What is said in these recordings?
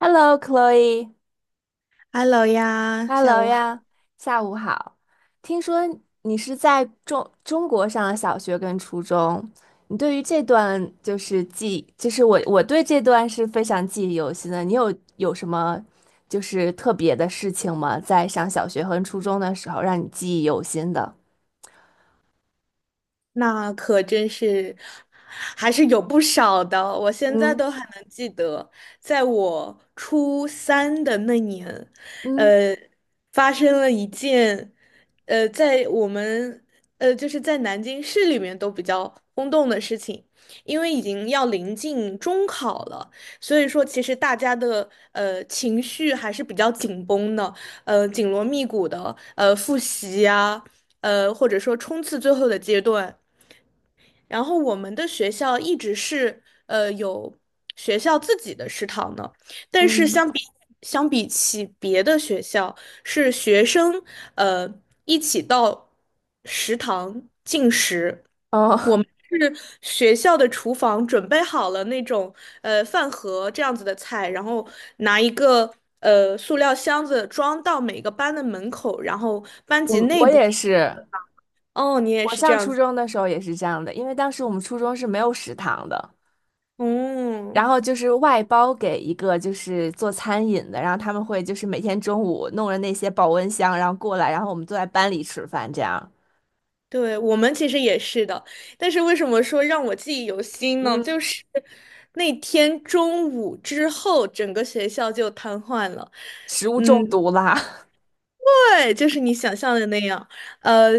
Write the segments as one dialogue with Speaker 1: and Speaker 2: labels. Speaker 1: Hello，Chloe，Hello
Speaker 2: Hello 呀，下午
Speaker 1: 呀，下午好。听说你是在中国上了小学跟初中，你对于这段就是记，就是我对这段是非常记忆犹新的。你有什么就是特别的事情吗？在上小学和初中的时候，让你记忆犹新的？
Speaker 2: 那可真是还是有不少的，我现在
Speaker 1: 嗯
Speaker 2: 都还能记得，在我初三的那年，
Speaker 1: 嗯
Speaker 2: 呃，发生了一件，在我们就是在南京市里面都比较轰动的事情，因为已经要临近中考了，所以说其实大家的情绪还是比较紧绷的，紧锣密鼓的复习呀、或者说冲刺最后的阶段。然后我们的学校一直是有学校自己的食堂呢，但是
Speaker 1: 嗯，
Speaker 2: 相比起别的学校，是学生呃一起到食堂进食，
Speaker 1: 哦，
Speaker 2: 是学校的厨房准备好了那种饭盒这样子的菜，然后拿一个塑料箱子装到每个班的门口，然后班 级
Speaker 1: 我
Speaker 2: 内
Speaker 1: 我
Speaker 2: 部
Speaker 1: 也
Speaker 2: 进行。
Speaker 1: 是，
Speaker 2: 哦，你也
Speaker 1: 我
Speaker 2: 是这
Speaker 1: 上
Speaker 2: 样
Speaker 1: 初
Speaker 2: 子。
Speaker 1: 中的时候也是这样的，因为当时我们初中是没有食堂的。
Speaker 2: 哦，
Speaker 1: 然后就是外包给一个就是做餐饮的，然后他们会就是每天中午弄着那些保温箱，然后过来，然后我们坐在班里吃饭，这样，
Speaker 2: 对，我们其实也是的，但是为什么说让我记忆犹新呢？
Speaker 1: 嗯，
Speaker 2: 就是那天中午之后，整个学校就瘫痪了。
Speaker 1: 食物中
Speaker 2: 嗯，
Speaker 1: 毒啦。
Speaker 2: 对，就是你想象的那样。呃，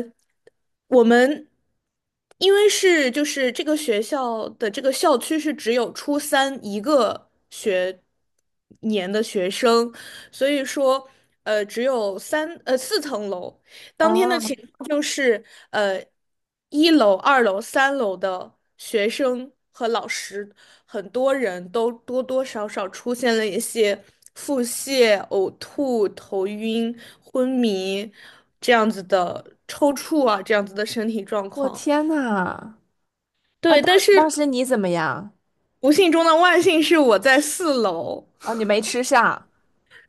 Speaker 2: 我们因为是就是这个学校的这个校区是只有初三一个学年的学生，所以说呃只有四层楼。当天的
Speaker 1: 啊，
Speaker 2: 情况就是，呃，1楼、2楼、3楼的学生和老师，很多人都多多少少出现了一些腹泻、呕吐、头晕、昏迷这样子的抽搐啊，这样子的身体状
Speaker 1: 我
Speaker 2: 况。
Speaker 1: 天呐！那
Speaker 2: 对，
Speaker 1: 当
Speaker 2: 但
Speaker 1: 当
Speaker 2: 是
Speaker 1: 时你怎么样？
Speaker 2: 不幸中的万幸是我在4楼，
Speaker 1: 哦，你没吃上。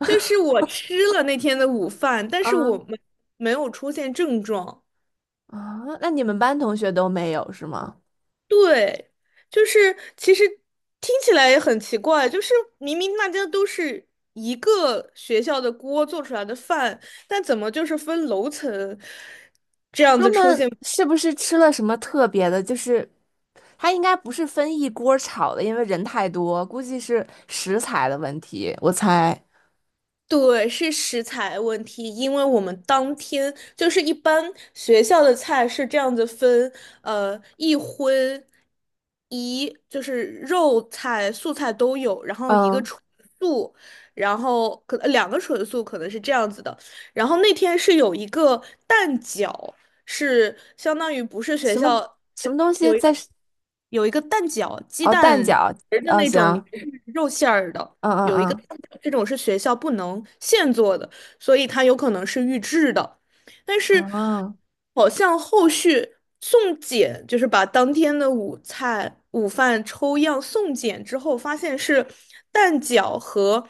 Speaker 2: 就是我吃了那天的午饭，但是我
Speaker 1: 嗯
Speaker 2: 们没有出现症状。
Speaker 1: 啊，那你们班同学都没有是吗？
Speaker 2: 对，就是其实听起来也很奇怪，就是明明大家都是一个学校的锅做出来的饭，但怎么就是分楼层这样
Speaker 1: 他
Speaker 2: 子出
Speaker 1: 们
Speaker 2: 现？
Speaker 1: 是不是吃了什么特别的？就是他应该不是分一锅儿炒的，因为人太多，估计是食材的问题，我猜。
Speaker 2: 对，是食材问题，因为我们当天就是一般学校的菜是这样子分，一荤一就是肉菜、素菜都有，然后一个
Speaker 1: 嗯。
Speaker 2: 纯素，然后可能两个纯素可能是这样子的。然后那天是有一个蛋饺，是相当于不是学
Speaker 1: 什么
Speaker 2: 校
Speaker 1: 什么东西
Speaker 2: 有一个。
Speaker 1: 在
Speaker 2: 有一个蛋饺，鸡
Speaker 1: 哦
Speaker 2: 蛋
Speaker 1: 蛋饺
Speaker 2: 仁儿的
Speaker 1: 哦
Speaker 2: 那种，里
Speaker 1: 行
Speaker 2: 面是肉馅儿的。
Speaker 1: 嗯
Speaker 2: 有一个
Speaker 1: 嗯
Speaker 2: 蛋饺，这种是学校不能现做的，所以它有可能是预制的。但是
Speaker 1: 嗯啊
Speaker 2: 好像后续送检，就是把当天的午餐、午饭抽样送检之后，发现是蛋饺和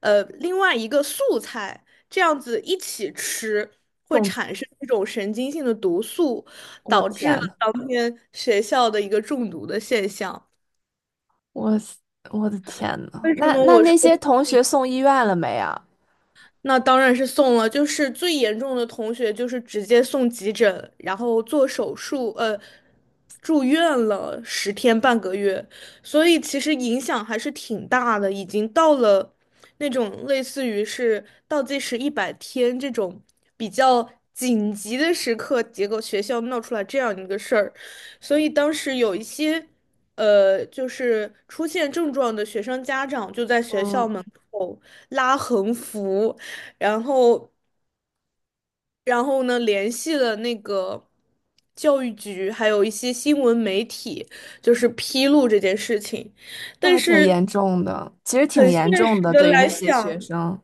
Speaker 2: 另外一个素菜这样子一起吃，会
Speaker 1: 中
Speaker 2: 产生一种神经性的毒素。
Speaker 1: 我
Speaker 2: 导致了
Speaker 1: 天呐，
Speaker 2: 当天学校的一个中毒的现象。
Speaker 1: 我死我的天呐，
Speaker 2: 为什
Speaker 1: 那
Speaker 2: 么
Speaker 1: 那
Speaker 2: 我说？
Speaker 1: 那些同学送医院了没啊？
Speaker 2: 那当然是送了，就是最严重的同学就是直接送急诊，然后做手术，住院了10天半个月，所以其实影响还是挺大的，已经到了那种类似于是倒计时100天这种比较紧急的时刻，结果学校闹出来这样一个事儿，所以当时有一些。就是出现症状的学生家长就在学校
Speaker 1: 嗯，
Speaker 2: 门口拉横幅，然后，然后呢，联系了那个教育局，还有一些新闻媒体，就是披露这件事情。
Speaker 1: 那
Speaker 2: 但
Speaker 1: 还挺
Speaker 2: 是
Speaker 1: 严重的，其实挺
Speaker 2: 很现
Speaker 1: 严重
Speaker 2: 实
Speaker 1: 的，
Speaker 2: 的
Speaker 1: 对于
Speaker 2: 来
Speaker 1: 那些学
Speaker 2: 想，
Speaker 1: 生，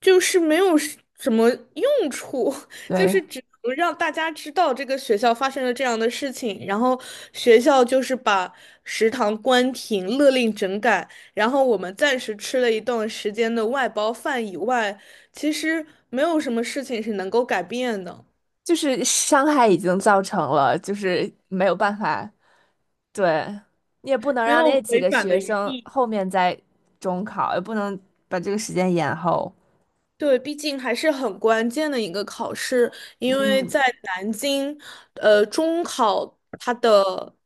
Speaker 2: 就是没有什么用处，就是
Speaker 1: 对，
Speaker 2: 只能让大家知道这个学校发生了这样的事情，然后学校就是把食堂关停，勒令整改。然后我们暂时吃了一段时间的外包饭以外，其实没有什么事情是能够改变的。
Speaker 1: 就是伤害已经造成了，就是没有办法，对，你也不能
Speaker 2: 没
Speaker 1: 让
Speaker 2: 有
Speaker 1: 那几
Speaker 2: 回
Speaker 1: 个
Speaker 2: 转的
Speaker 1: 学
Speaker 2: 余
Speaker 1: 生
Speaker 2: 地。
Speaker 1: 后面再中考，也不能把这个时间延后，
Speaker 2: 对，毕竟还是很关键的一个考试，因为
Speaker 1: 嗯，
Speaker 2: 在南京，中考它的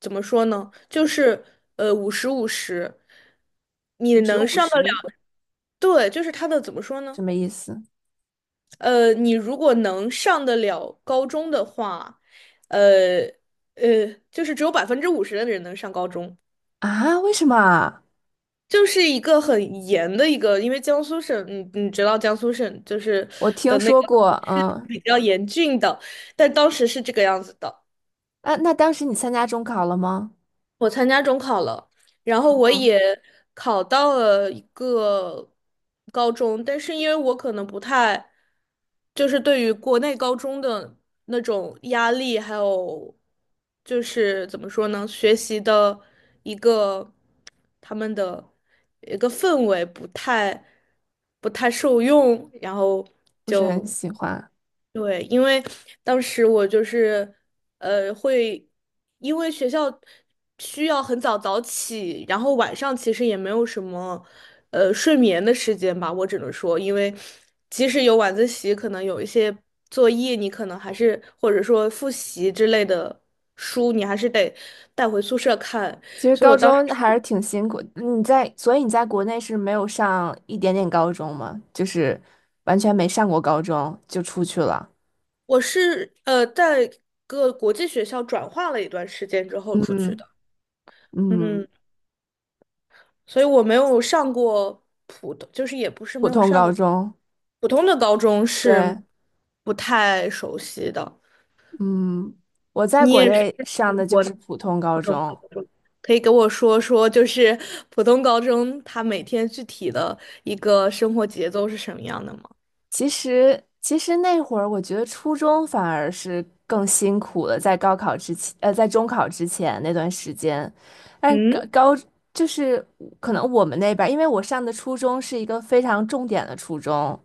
Speaker 2: 怎么说呢，就是50 50，你
Speaker 1: 五十
Speaker 2: 能
Speaker 1: 五十。五
Speaker 2: 上得了。
Speaker 1: 十
Speaker 2: 对，就是它的怎么说呢，
Speaker 1: 什么意思
Speaker 2: 你如果能上得了高中的话，呃就是只有50%的人能上高中，
Speaker 1: 啊？为什么啊？
Speaker 2: 就是一个很严的一个，因为江苏省，你知道江苏省就是
Speaker 1: 我
Speaker 2: 的
Speaker 1: 听
Speaker 2: 那个
Speaker 1: 说过，
Speaker 2: 是
Speaker 1: 嗯，
Speaker 2: 比较严峻的，但当时是这个样子的。
Speaker 1: 那当时你参加中考了吗？
Speaker 2: 我参加中考了，然后我
Speaker 1: 嗯，
Speaker 2: 也考到了一个高中，但是因为我可能不太，就是对于国内高中的那种压力，还有就是怎么说呢，学习的一个他们的一个氛围不太受用，然后
Speaker 1: 不是很
Speaker 2: 就。
Speaker 1: 喜欢。
Speaker 2: 对，因为当时我就是，会因为学校需要很早早起，然后晚上其实也没有什么，睡眠的时间吧，我只能说，因为即使有晚自习，可能有一些作业，你可能还是或者说复习之类的书，你还是得带回宿舍看。
Speaker 1: 其实
Speaker 2: 所以
Speaker 1: 高
Speaker 2: 我当时
Speaker 1: 中还是挺辛苦。你在，所以你在国内是没有上一点点高中吗？就是完全没上过高中就出去了。
Speaker 2: 我是在各国际学校转化了一段时间之后出去
Speaker 1: 嗯
Speaker 2: 的。
Speaker 1: 嗯，
Speaker 2: 嗯。所以我没有上过普通，就是也不是
Speaker 1: 普
Speaker 2: 没有
Speaker 1: 通
Speaker 2: 上
Speaker 1: 高
Speaker 2: 过
Speaker 1: 中，
Speaker 2: 普通的高中是
Speaker 1: 对，
Speaker 2: 不太熟悉的。
Speaker 1: 嗯，我在
Speaker 2: 你
Speaker 1: 国
Speaker 2: 也是
Speaker 1: 内
Speaker 2: 读
Speaker 1: 上的就
Speaker 2: 国
Speaker 1: 是普通高
Speaker 2: 普通
Speaker 1: 中，
Speaker 2: 高中，可以给我说说，就是普通高中他每天具体的一个生活节奏是什么样的吗？
Speaker 1: 其实，其实那会儿我觉得初中反而是更辛苦了，在高考之前，在中考之前那段时间，但高
Speaker 2: 嗯。
Speaker 1: 高就是可能我们那边儿因为我上的初中是一个非常重点的初中，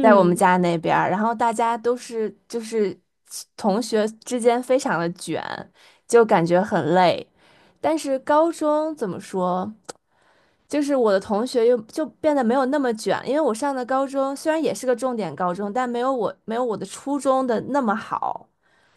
Speaker 1: 在我们家那边儿然后大家都是就是同学之间非常的卷，就感觉很累。但是高中怎么说？就是我的同学又就变得没有那么卷，因为我上的高中虽然也是个重点高中，但没有我的初中的那么好。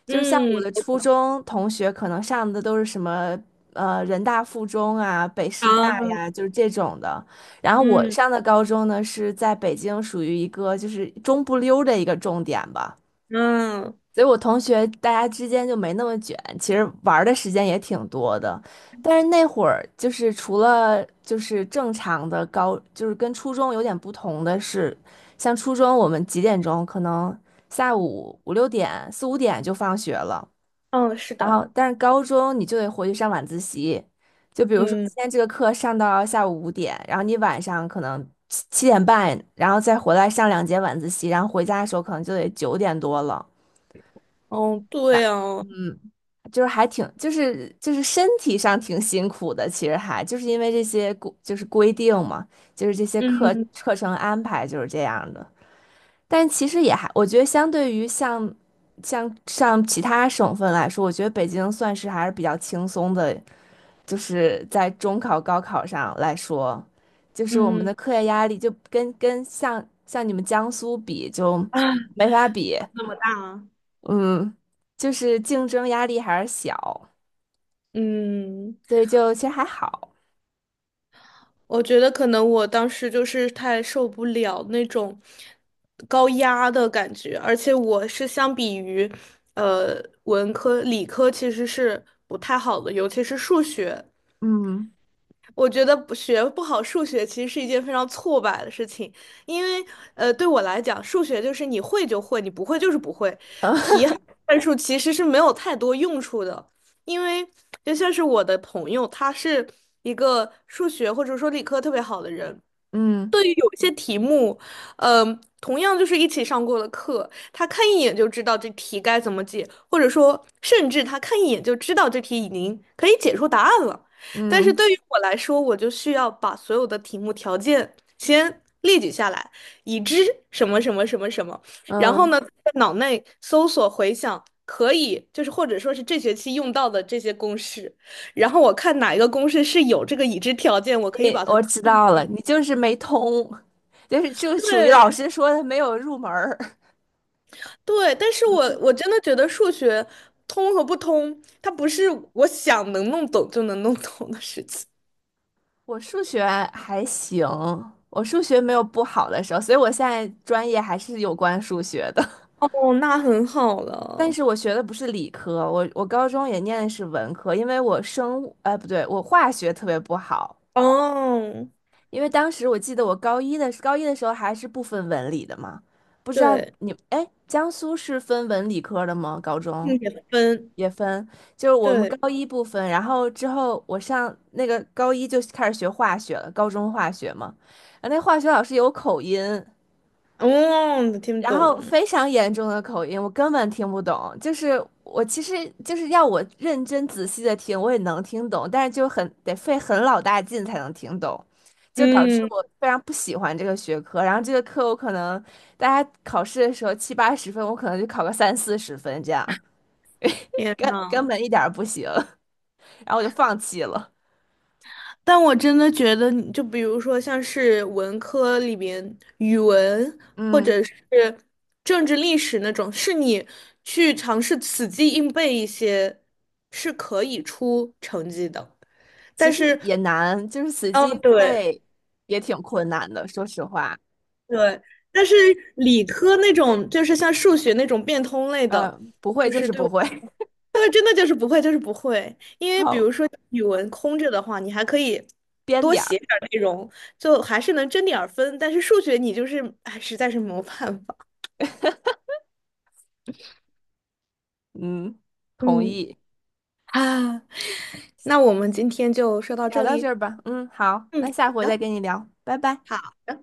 Speaker 1: 就是像我的
Speaker 2: 嗯
Speaker 1: 初中同学，可能上的都是什么人大附中啊、北师大
Speaker 2: 啊。
Speaker 1: 呀，就是这种的。然后我
Speaker 2: 嗯
Speaker 1: 上的高中呢是在北京，属于一个就是中不溜儿的一个重点吧。
Speaker 2: 嗯
Speaker 1: 所以我同学大家之间就没那么卷，其实玩儿的时间也挺多的。但是那会儿就是除了就是正常的高，就是跟初中有点不同的是，像初中我们几点钟可能下午5、6点4、5点就放学了，
Speaker 2: 嗯，是
Speaker 1: 然后
Speaker 2: 的。
Speaker 1: 但是高中你就得回去上晚自习，就比如说今
Speaker 2: 嗯。
Speaker 1: 天这个课上到下午五点，然后你晚上可能七点半，然后再回来上2节晚自习，然后回家的时候可能就得9点多了。
Speaker 2: 哦对哦。
Speaker 1: 就是还挺，就是就是身体上挺辛苦的，其实还就是因为这些规定嘛，就是这些课
Speaker 2: 嗯
Speaker 1: 课程安排就是这样的。但其实也还，我觉得相对于像其他省份来说，我觉得北京算是还是比较轻松的，就是在中考、高考上来说，就是我们
Speaker 2: 嗯
Speaker 1: 的课业压力就跟像你们江苏比就
Speaker 2: 啊。
Speaker 1: 没法比，
Speaker 2: 好大啊。
Speaker 1: 嗯，就是竞争压力还是小。
Speaker 2: 嗯。
Speaker 1: 所以就其实还好。
Speaker 2: 我觉得可能我当时就是太受不了那种高压的感觉，而且我是相比于文科、理科其实是不太好的，尤其是数学。
Speaker 1: 嗯
Speaker 2: 我觉得不学不好数学其实是一件非常挫败的事情，因为对我来讲，数学就是你会就会，你不会就是不会，
Speaker 1: 嗯
Speaker 2: 题 海数其实是没有太多用处的。因为就像是我的朋友，他是一个数学或者说理科特别好的人，
Speaker 1: 嗯
Speaker 2: 对于有一些题目，嗯、同样就是一起上过的课，他看一眼就知道这题该怎么解，或者说，甚至他看一眼就知道这题已经可以解出答案了。但是
Speaker 1: 嗯
Speaker 2: 对于我来说，我就需要把所有的题目条件先列举下来，已知什么什么什么什么，然后
Speaker 1: 嗯，
Speaker 2: 呢，在脑内搜索回想可以，就是或者说是这学期用到的这些公式，然后我看哪一个公式是有这个已知条件，我可以
Speaker 1: 你
Speaker 2: 把它。
Speaker 1: 我知道了，你就是没通，就是就属于老
Speaker 2: 对。
Speaker 1: 师说的没有入门儿。
Speaker 2: 对，但是我真的觉得数学通和不通，它不是我想能弄懂就能弄懂的事情。
Speaker 1: 我数学还行，我数学没有不好的时候，所以我现在专业还是有关数学的。
Speaker 2: 哦，那很好
Speaker 1: 但
Speaker 2: 了。
Speaker 1: 是我学的不是理科，我高中也念的是文科，因为我生物，哎，不对，我化学特别不好，
Speaker 2: 哦，
Speaker 1: 因为当时我记得我高一的时候还是不分文理的嘛，不知道
Speaker 2: 对，
Speaker 1: 你，哎，江苏是分文理科的吗？高中
Speaker 2: 并且分。
Speaker 1: 也分，就是我们
Speaker 2: 对。
Speaker 1: 高一不分，然后之后我上那个高一就开始学化学了，高中化学嘛，然后那化学老师有口音，
Speaker 2: 哦，听不
Speaker 1: 然后
Speaker 2: 懂。
Speaker 1: 非常严重的口音，我根本听不懂。就是我其实就是要我认真仔细的听，我也能听懂，但是就很得费很老大劲才能听懂，就导致
Speaker 2: 嗯。
Speaker 1: 我非常不喜欢这个学科。然后这个课我可能大家考试的时候70、80分，我可能就考个30、40分这样，
Speaker 2: 天
Speaker 1: 根根
Speaker 2: 呐。
Speaker 1: 本一点儿不行。然后我就放弃了。
Speaker 2: 但我真的觉得就比如说像是文科里边语文或
Speaker 1: 嗯，
Speaker 2: 者是政治历史那种，是你去尝试死记硬背一些，是可以出成绩的。
Speaker 1: 其
Speaker 2: 但
Speaker 1: 实
Speaker 2: 是，
Speaker 1: 也难，就是死
Speaker 2: 哦，
Speaker 1: 记硬
Speaker 2: 对。
Speaker 1: 背也挺困难的，说实话。
Speaker 2: 对，但是理科那种就是像数学那种变通类的，
Speaker 1: 嗯、不会
Speaker 2: 就
Speaker 1: 就
Speaker 2: 是
Speaker 1: 是
Speaker 2: 对
Speaker 1: 不
Speaker 2: 我
Speaker 1: 会。
Speaker 2: 来说，对，真的就是不会，就是不会。因 为比
Speaker 1: 好。
Speaker 2: 如说语文空着的话，你还可以
Speaker 1: 编
Speaker 2: 多
Speaker 1: 点儿。
Speaker 2: 写点儿内容，就还是能争点儿分。但是数学你就是，哎，实在是没有办法。
Speaker 1: 嗯，同
Speaker 2: 嗯。
Speaker 1: 意。
Speaker 2: 啊，那我们今天就说到
Speaker 1: 聊
Speaker 2: 这
Speaker 1: 到这
Speaker 2: 里。
Speaker 1: 儿吧。嗯，好，
Speaker 2: 嗯，
Speaker 1: 那下
Speaker 2: 好
Speaker 1: 回
Speaker 2: 的，
Speaker 1: 再跟你聊，拜拜。
Speaker 2: 好的。